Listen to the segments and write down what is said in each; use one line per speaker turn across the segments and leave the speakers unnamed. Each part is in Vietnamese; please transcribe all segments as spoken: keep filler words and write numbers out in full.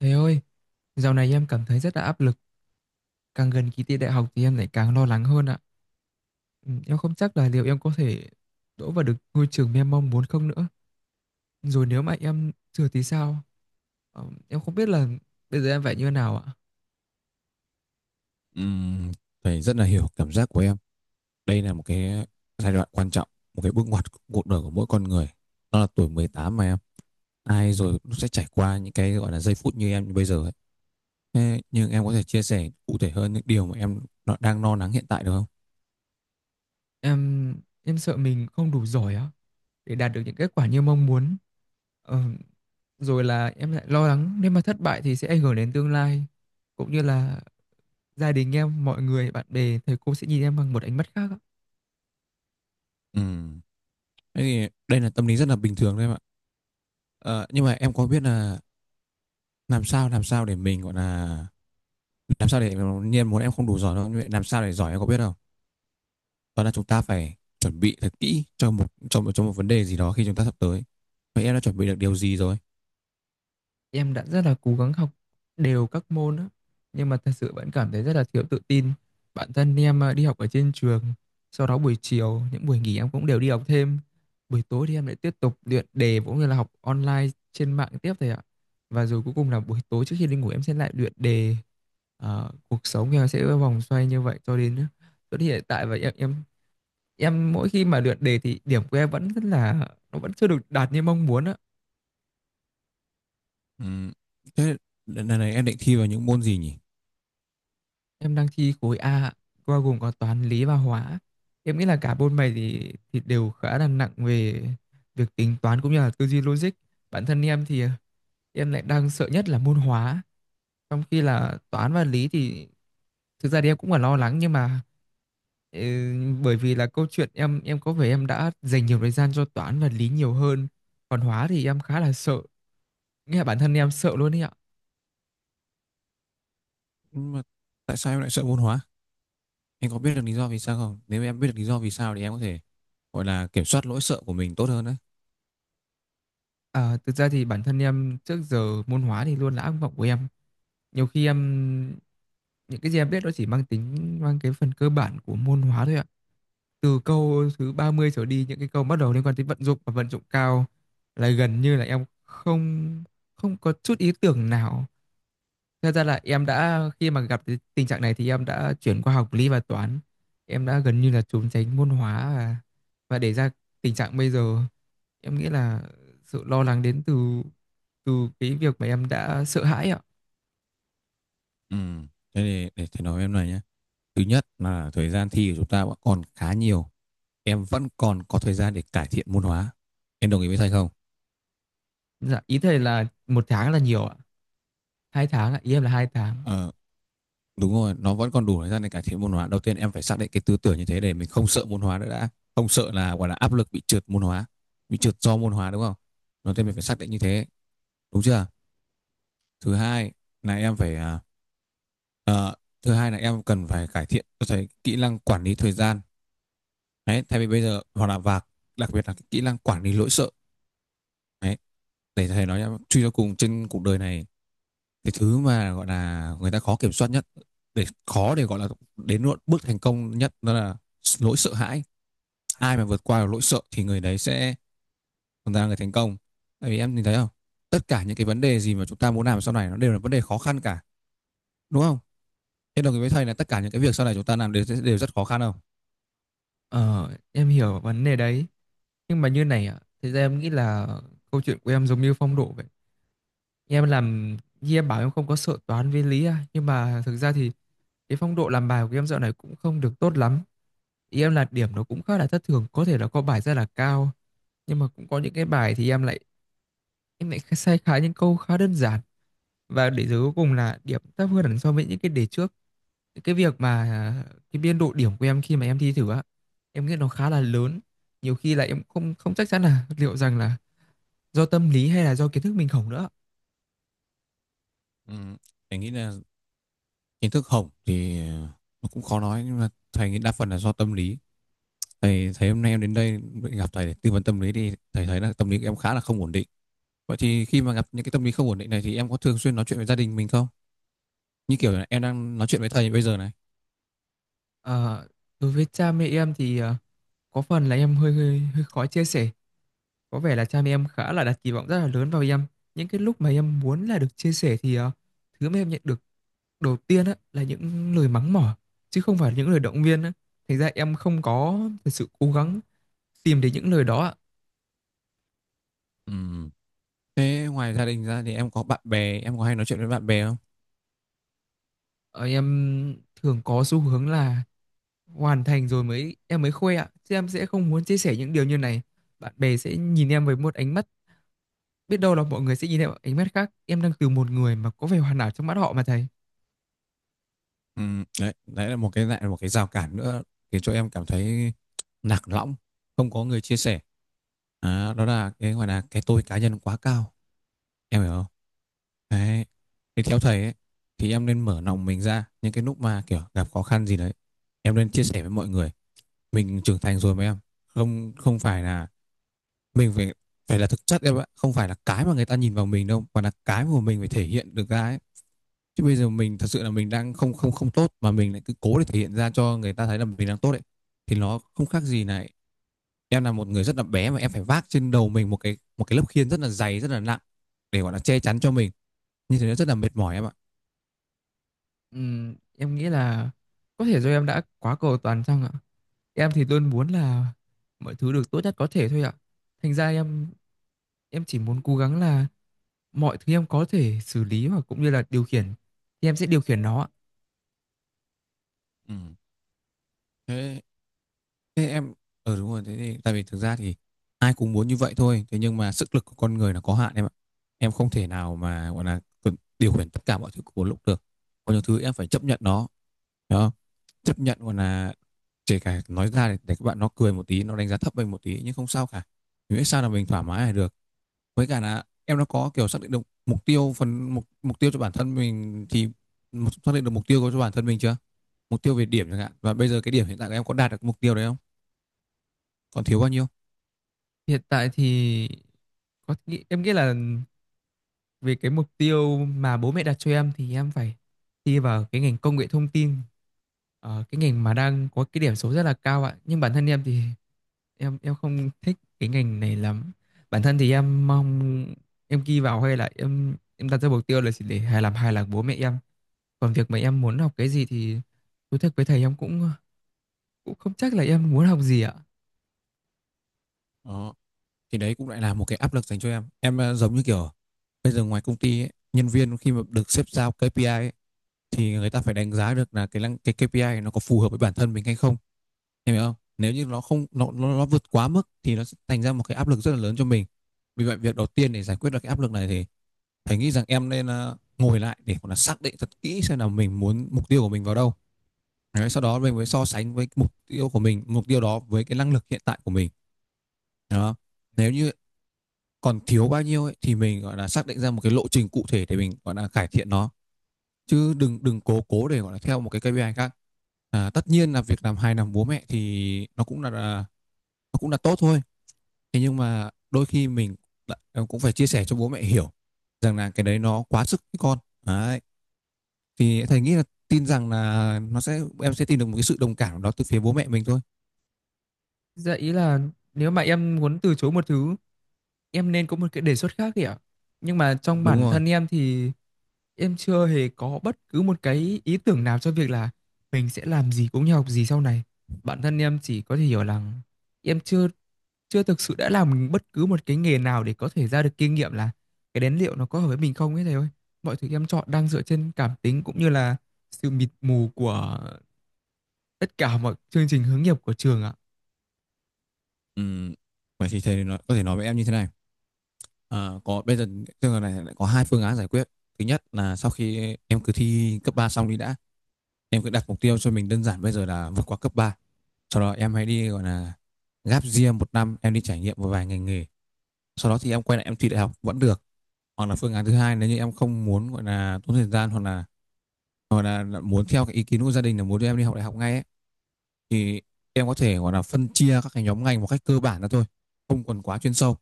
Thầy ơi, dạo này em cảm thấy rất là áp lực. Càng gần kỳ thi đại học thì em lại càng lo lắng hơn ạ. Ừ, em không chắc là liệu em có thể đỗ vào được ngôi trường mà em mong muốn không nữa. Rồi nếu mà em trượt thì sao? Ờ, Em không biết là bây giờ em phải như thế nào ạ.
Ừm, Thầy rất là hiểu cảm giác của em. Đây là một cái giai đoạn quan trọng, một cái bước ngoặt của cuộc đời của mỗi con người. Đó là tuổi mười tám mà em. Ai rồi cũng sẽ trải qua những cái gọi là giây phút như em như bây giờ ấy. Thế nhưng em có thể chia sẻ cụ thể hơn những điều mà em nó- đang lo lắng hiện tại được không?
Em em sợ mình không đủ giỏi á để đạt được những kết quả như mong muốn. Ờ, Rồi là em lại lo lắng nếu mà thất bại thì sẽ ảnh hưởng đến tương lai cũng như là gia đình em, mọi người, bạn bè, thầy cô sẽ nhìn em bằng một ánh mắt khác ạ.
Ừm, Thế thì đây là tâm lý rất là bình thường đấy em ạ. Ờ, nhưng mà em có biết là làm sao làm sao để mình gọi là làm sao để nhiên muốn em không đủ giỏi đâu, nhưng mà làm sao để giỏi em có biết không? Đó là chúng ta phải chuẩn bị thật kỹ cho một cho một cho một vấn đề gì đó khi chúng ta sắp tới. Vậy em đã chuẩn bị được điều gì rồi?
Em đã rất là cố gắng học đều các môn á, nhưng mà thật sự vẫn cảm thấy rất là thiếu tự tin. Bản thân em à, đi học ở trên trường, sau đó buổi chiều, những buổi nghỉ em cũng đều đi học thêm. Buổi tối thì em lại tiếp tục luyện đề cũng như là học online trên mạng tiếp thầy ạ. Và rồi cuối cùng là buổi tối trước khi đi ngủ em sẽ lại luyện đề. Ờ, cuộc sống của em sẽ vòng xoay như vậy cho đến cho đến hiện tại và em em em mỗi khi mà luyện đề thì điểm của em vẫn rất là nó vẫn chưa được đạt như mong muốn á.
Ừ, thế lần này em định thi vào những môn gì nhỉ?
Em đang thi khối A ạ, bao gồm có toán, lý và hóa. Em nghĩ là cả bốn bài thì thì đều khá là nặng về việc tính toán cũng như là tư duy logic. Bản thân em thì em lại đang sợ nhất là môn hóa, trong khi là toán và lý thì thực ra thì em cũng là lo lắng nhưng mà ừ, bởi vì là câu chuyện em em có vẻ em đã dành nhiều thời gian cho toán và lý nhiều hơn, còn hóa thì em khá là sợ, nghĩa là bản thân em sợ luôn đấy ạ.
Mà tại sao em lại sợ môn hóa? Em có biết được lý do vì sao không? Nếu em biết được lý do vì sao thì em có thể gọi là kiểm soát lỗi sợ của mình tốt hơn đấy.
À, thực ra thì bản thân em trước giờ môn hóa thì luôn là ác mộng của em. Nhiều khi em những cái gì em biết nó chỉ mang tính mang cái phần cơ bản của môn hóa thôi ạ. Từ câu thứ ba mươi trở đi những cái câu bắt đầu liên quan tới vận dụng và vận dụng cao là gần như là em không không có chút ý tưởng nào. Thật ra là em đã khi mà gặp cái tình trạng này thì em đã chuyển qua học lý và toán, em đã gần như là trốn tránh môn hóa và và để ra tình trạng bây giờ. Em nghĩ là sự lo lắng đến từ từ cái việc mà em đã sợ hãi ạ.
Ừ, thế thì để thầy nói với em này nhé. Thứ nhất là thời gian thi của chúng ta vẫn còn khá nhiều, em vẫn còn có thời gian để cải thiện môn hóa. Em đồng ý với thầy không?
Dạ, ý thầy là một tháng là nhiều ạ. Hai tháng ạ, ý em là hai tháng.
Ờ, đúng rồi, nó vẫn còn đủ thời gian để cải thiện môn hóa. Đầu tiên em phải xác định cái tư tưởng như thế để mình không sợ môn hóa nữa đã. Không sợ là gọi là áp lực bị trượt môn hóa, bị trượt do môn hóa đúng không? Đầu tiên mình phải xác định như thế, đúng chưa? Thứ hai là em phải à, ờ, thứ hai là em cần phải cải thiện tôi thấy kỹ năng quản lý thời gian. Đấy, thay vì bây giờ hoặc là và đặc biệt là cái kỹ năng quản lý nỗi sợ. Đấy, để thầy nói em truy cho cùng trên cuộc đời này, cái thứ mà gọi là người ta khó kiểm soát nhất để khó để gọi là đến bước thành công nhất đó là nỗi sợ hãi. Ai mà vượt qua được nỗi sợ thì người đấy sẽ chúng ta là người thành công. Tại vì em nhìn thấy không, tất cả những cái vấn đề gì mà chúng ta muốn làm sau này nó đều là vấn đề khó khăn cả, đúng không? Thế đồng ý với thầy là tất cả những cái việc sau này chúng ta làm đều đều rất khó khăn không?
Ờ, em hiểu vấn đề đấy. Nhưng mà như này ạ, thực ra em nghĩ là câu chuyện của em giống như phong độ vậy. Em làm, như em bảo em không có sợ toán với lý à. Nhưng mà thực ra thì cái phong độ làm bài của em dạo này cũng không được tốt lắm. Ý em là điểm nó cũng khá là thất thường, có thể là có bài rất là cao. Nhưng mà cũng có những cái bài thì em lại em lại sai khá những câu khá đơn giản. Và để rồi cuối cùng là điểm thấp hơn hẳn so với những cái đề trước. Cái việc mà à, cái biên độ điểm của em khi mà em thi thử á em nghĩ nó khá là lớn. Nhiều khi là em không không chắc chắn là liệu rằng là do tâm lý hay là do kiến thức mình hổng nữa.
Ừ, thầy nghĩ là kiến thức hổng thì nó cũng khó nói nhưng mà thầy nghĩ đa phần là do tâm lý. Thầy thấy hôm nay em đến đây gặp thầy để tư vấn tâm lý thì thầy thấy là tâm lý của em khá là không ổn định. Vậy thì khi mà gặp những cái tâm lý không ổn định này thì em có thường xuyên nói chuyện với gia đình mình không, như kiểu là em đang nói chuyện với thầy bây giờ này?
Ờ, đối với cha mẹ em thì ờ, có phần là em hơi, hơi hơi khó chia sẻ. Có vẻ là cha mẹ em khá là đặt kỳ vọng rất là lớn vào em. Những cái lúc mà em muốn là được chia sẻ thì ờ, thứ mà em nhận được đầu tiên á là những lời mắng mỏ chứ không phải những lời động viên á, thành ra em không có thật sự cố gắng tìm đến những lời đó ạ.
Ừm, Thế ngoài gia đình ra thì em có bạn bè, em có hay nói chuyện với bạn bè không?
Ờ, em thường có xu hướng là hoàn thành rồi mới em mới khoe ạ, chứ em sẽ không muốn chia sẻ những điều như này. Bạn bè sẽ nhìn em với một ánh mắt, biết đâu là mọi người sẽ nhìn em bằng ánh mắt khác, em đang từ một người mà có vẻ hoàn hảo trong mắt họ mà thầy.
Ừm, đấy, đấy là một cái lại là một cái rào cản nữa khiến cho em cảm thấy lạc lõng, không có người chia sẻ. À, đó là cái gọi là cái tôi cá nhân quá cao, em hiểu không? Đấy. Thì theo thầy ấy, thì em nên mở lòng mình ra những cái lúc mà kiểu gặp khó khăn gì đấy, em nên chia sẻ với mọi người. Mình trưởng thành rồi mà em, không không phải là mình phải phải là thực chất em ạ, không phải là cái mà người ta nhìn vào mình đâu, mà là cái mà mình phải thể hiện được ra ấy. Chứ bây giờ mình thật sự là mình đang không không không tốt mà mình lại cứ cố để thể hiện ra cho người ta thấy là mình đang tốt ấy thì nó không khác gì này, em là một người rất là bé mà em phải vác trên đầu mình một cái một cái lớp khiên rất là dày rất là nặng để gọi là che chắn cho mình, như thế nó rất là mệt mỏi em ạ.
Ừm, em nghĩ là có thể do em đã quá cầu toàn chăng ạ. Em thì luôn muốn là mọi thứ được tốt nhất có thể thôi ạ, thành ra em em chỉ muốn cố gắng là mọi thứ em có thể xử lý hoặc cũng như là điều khiển thì em sẽ điều khiển nó ạ.
Ừ. thế, thế em ờ ừ Đúng rồi, thế thì tại vì thực ra thì ai cũng muốn như vậy thôi, thế nhưng mà sức lực của con người là có hạn em ạ. Em không thể nào mà gọi là điều khiển tất cả mọi thứ của một lúc được, có những thứ em phải chấp nhận nó. Đó, chấp nhận còn là kể cả nói ra để, để các bạn nó cười một tí nó đánh giá thấp mình một tí nhưng không sao cả, mình biết sao là mình thoải mái là được. Với cả là em nó có kiểu xác định được mục tiêu phần mục, mục tiêu cho bản thân mình thì xác định được mục tiêu cho bản thân mình chưa? Mục tiêu về điểm chẳng hạn, và bây giờ cái điểm hiện tại của em có đạt được mục tiêu đấy không, còn thiếu bao nhiêu?
Hiện tại thì có nghĩ em nghĩ là về cái mục tiêu mà bố mẹ đặt cho em thì em phải thi vào cái ngành công nghệ thông tin. Ờ, cái ngành mà đang có cái điểm số rất là cao ạ, nhưng bản thân em thì em em không thích cái ngành này lắm. Bản thân thì em mong em ghi vào hay là em em đặt ra mục tiêu là chỉ để hài làm hài lòng bố mẹ em. Còn việc mà em muốn học cái gì thì thú thật với thầy em cũng cũng không chắc là em muốn học gì ạ.
Đó thì đấy cũng lại là một cái áp lực dành cho em em ờ, giống như kiểu bây giờ ngoài công ty ấy, nhân viên khi mà được sếp giao ca pê i ấy, thì người ta phải đánh giá được là cái năng- cái ca pê i nó có phù hợp với bản thân mình hay không. Em hiểu không, nếu như nó không nó, nó nó vượt quá mức thì nó sẽ thành ra một cái áp lực rất là lớn cho mình. Vì vậy việc đầu tiên để giải quyết được cái áp lực này thì thầy nghĩ rằng em nên ờ, ngồi lại để gọi là xác định thật kỹ xem là mình muốn mục tiêu của mình vào đâu. Đấy, sau đó mình mới so sánh với mục tiêu của mình mục tiêu đó với cái năng lực hiện tại của mình. Đó, nếu như còn thiếu bao nhiêu ấy, thì mình gọi là xác định ra một cái lộ trình cụ thể để mình gọi là cải thiện nó, chứ đừng đừng cố cố để gọi là theo một cái kê pi ai khác. À, tất nhiên là việc làm hài lòng bố mẹ thì nó cũng là nó cũng là tốt thôi. Thế nhưng mà đôi khi mình đã- ờ, cũng phải chia sẻ cho bố mẹ hiểu rằng là cái đấy nó quá sức với con. Đấy. Thì thầy nghĩ là tin rằng là nó sẽ em sẽ tìm được một cái sự đồng cảm đó từ phía bố mẹ mình thôi.
Dạ, ý là nếu mà em muốn từ chối một thứ em nên có một cái đề xuất khác kìa, nhưng mà trong
Đúng
bản
rồi.
thân em thì em chưa hề có bất cứ một cái ý tưởng nào cho việc là mình sẽ làm gì cũng như học gì sau này. Bản thân em chỉ có thể hiểu là em chưa chưa thực sự đã làm bất cứ một cái nghề nào để có thể ra được kinh nghiệm là cái đến liệu nó có hợp với mình không ấy thầy ơi. Mọi thứ em chọn đang dựa trên cảm tính cũng như là sự mịt mù của tất cả mọi chương trình hướng nghiệp của trường ạ.
Ừm, Vậy thì thầy nói, có thể nói với em như thế này. Ờ, có Bây giờ trường hợp này lại có hai phương án giải quyết. Thứ nhất là sau khi em cứ thi cấp ba xong đi đã, em cứ đặt mục tiêu cho mình đơn giản bây giờ là vượt qua cấp ba. Sau đó em hãy đi gọi là gap year một năm, em đi trải nghiệm một vài ngành nghề, sau đó thì em quay lại em thi đại học vẫn được. Hoặc là phương án thứ hai, nếu như em không muốn gọi là tốn thời gian hoặc là hoặc là muốn theo cái ý kiến của gia đình là muốn đưa em đi học đại học ngay ấy, thì em có thể gọi là phân chia các cái nhóm ngành một cách cơ bản ra thôi, không còn quá chuyên sâu.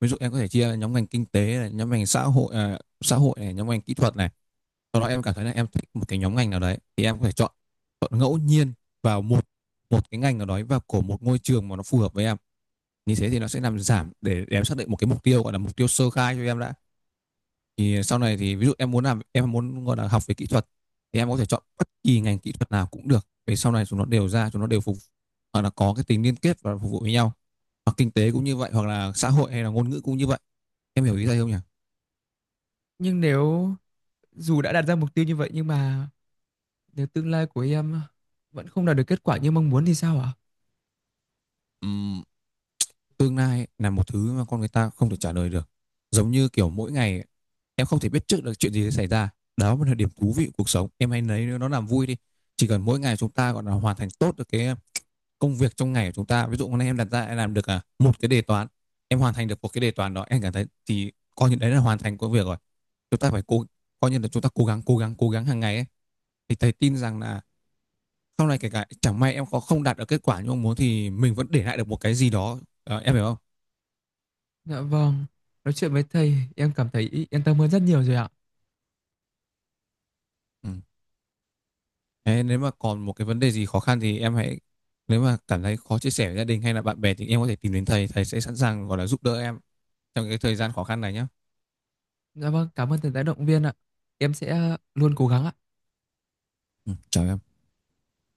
Ví dụ em có thể chia nhóm ngành kinh tế này, nhóm ngành xã hội à, xã hội này, nhóm ngành kỹ thuật này. Sau đó em cảm thấy là em thích một cái nhóm ngành nào đấy thì em có thể chọn chọn ngẫu nhiên vào một một cái ngành nào đó vào của một ngôi trường mà nó phù hợp với em. Như thế thì nó sẽ làm giảm để em xác định một cái mục tiêu, gọi là mục tiêu sơ khai cho em đã. Thì sau này thì ví dụ em muốn làm em muốn gọi là học về kỹ thuật thì em có thể chọn bất kỳ ngành kỹ thuật nào cũng được, vì sau này chúng nó đều ra chúng nó đều phục hoặc là có cái tính liên kết và phục vụ với nhau. Hoặc kinh tế cũng như vậy, hoặc là xã hội hay là ngôn ngữ cũng như vậy. Em hiểu ý thầy không nhỉ?
Nhưng nếu dù đã đặt ra mục tiêu như vậy nhưng mà nếu tương lai của em vẫn không đạt được kết quả như mong muốn thì sao ạ?
Ừm, Tương lai là một thứ mà con người ta không thể trả lời được, giống như kiểu mỗi ngày em không thể biết trước được chuyện gì sẽ xảy ra. Đó mới là điểm thú vị của cuộc sống, em hãy lấy nó làm vui đi. Chỉ cần mỗi ngày chúng ta gọi là hoàn thành tốt được cái công việc trong ngày của chúng ta, ví dụ hôm nay em đặt ra em làm được à, một cái đề toán, em hoàn thành được một cái đề toán đó em cảm thấy thì coi như đấy là hoàn thành công việc rồi. Chúng ta phải cố, coi như là chúng ta cố gắng cố gắng cố gắng hàng ngày ấy. Thì thầy tin rằng là sau này kể cả chẳng may em có không đạt được kết quả như mong muốn thì mình vẫn để lại được một cái gì đó. Ờ, em hiểu không?
Dạ vâng, nói chuyện với thầy em cảm thấy yên tâm hơn rất nhiều rồi ạ.
Ừ. Ê, nếu mà còn một cái vấn đề gì khó khăn thì em hãy nếu mà cảm thấy khó chia sẻ với gia đình hay là bạn bè thì em có thể tìm đến thầy, thầy sẽ sẵn sàng gọi là giúp đỡ em trong cái thời gian khó khăn này nhé.
Dạ vâng, cảm ơn thầy đã động viên ạ. Em sẽ luôn cố gắng ạ.
Ừ, chào em.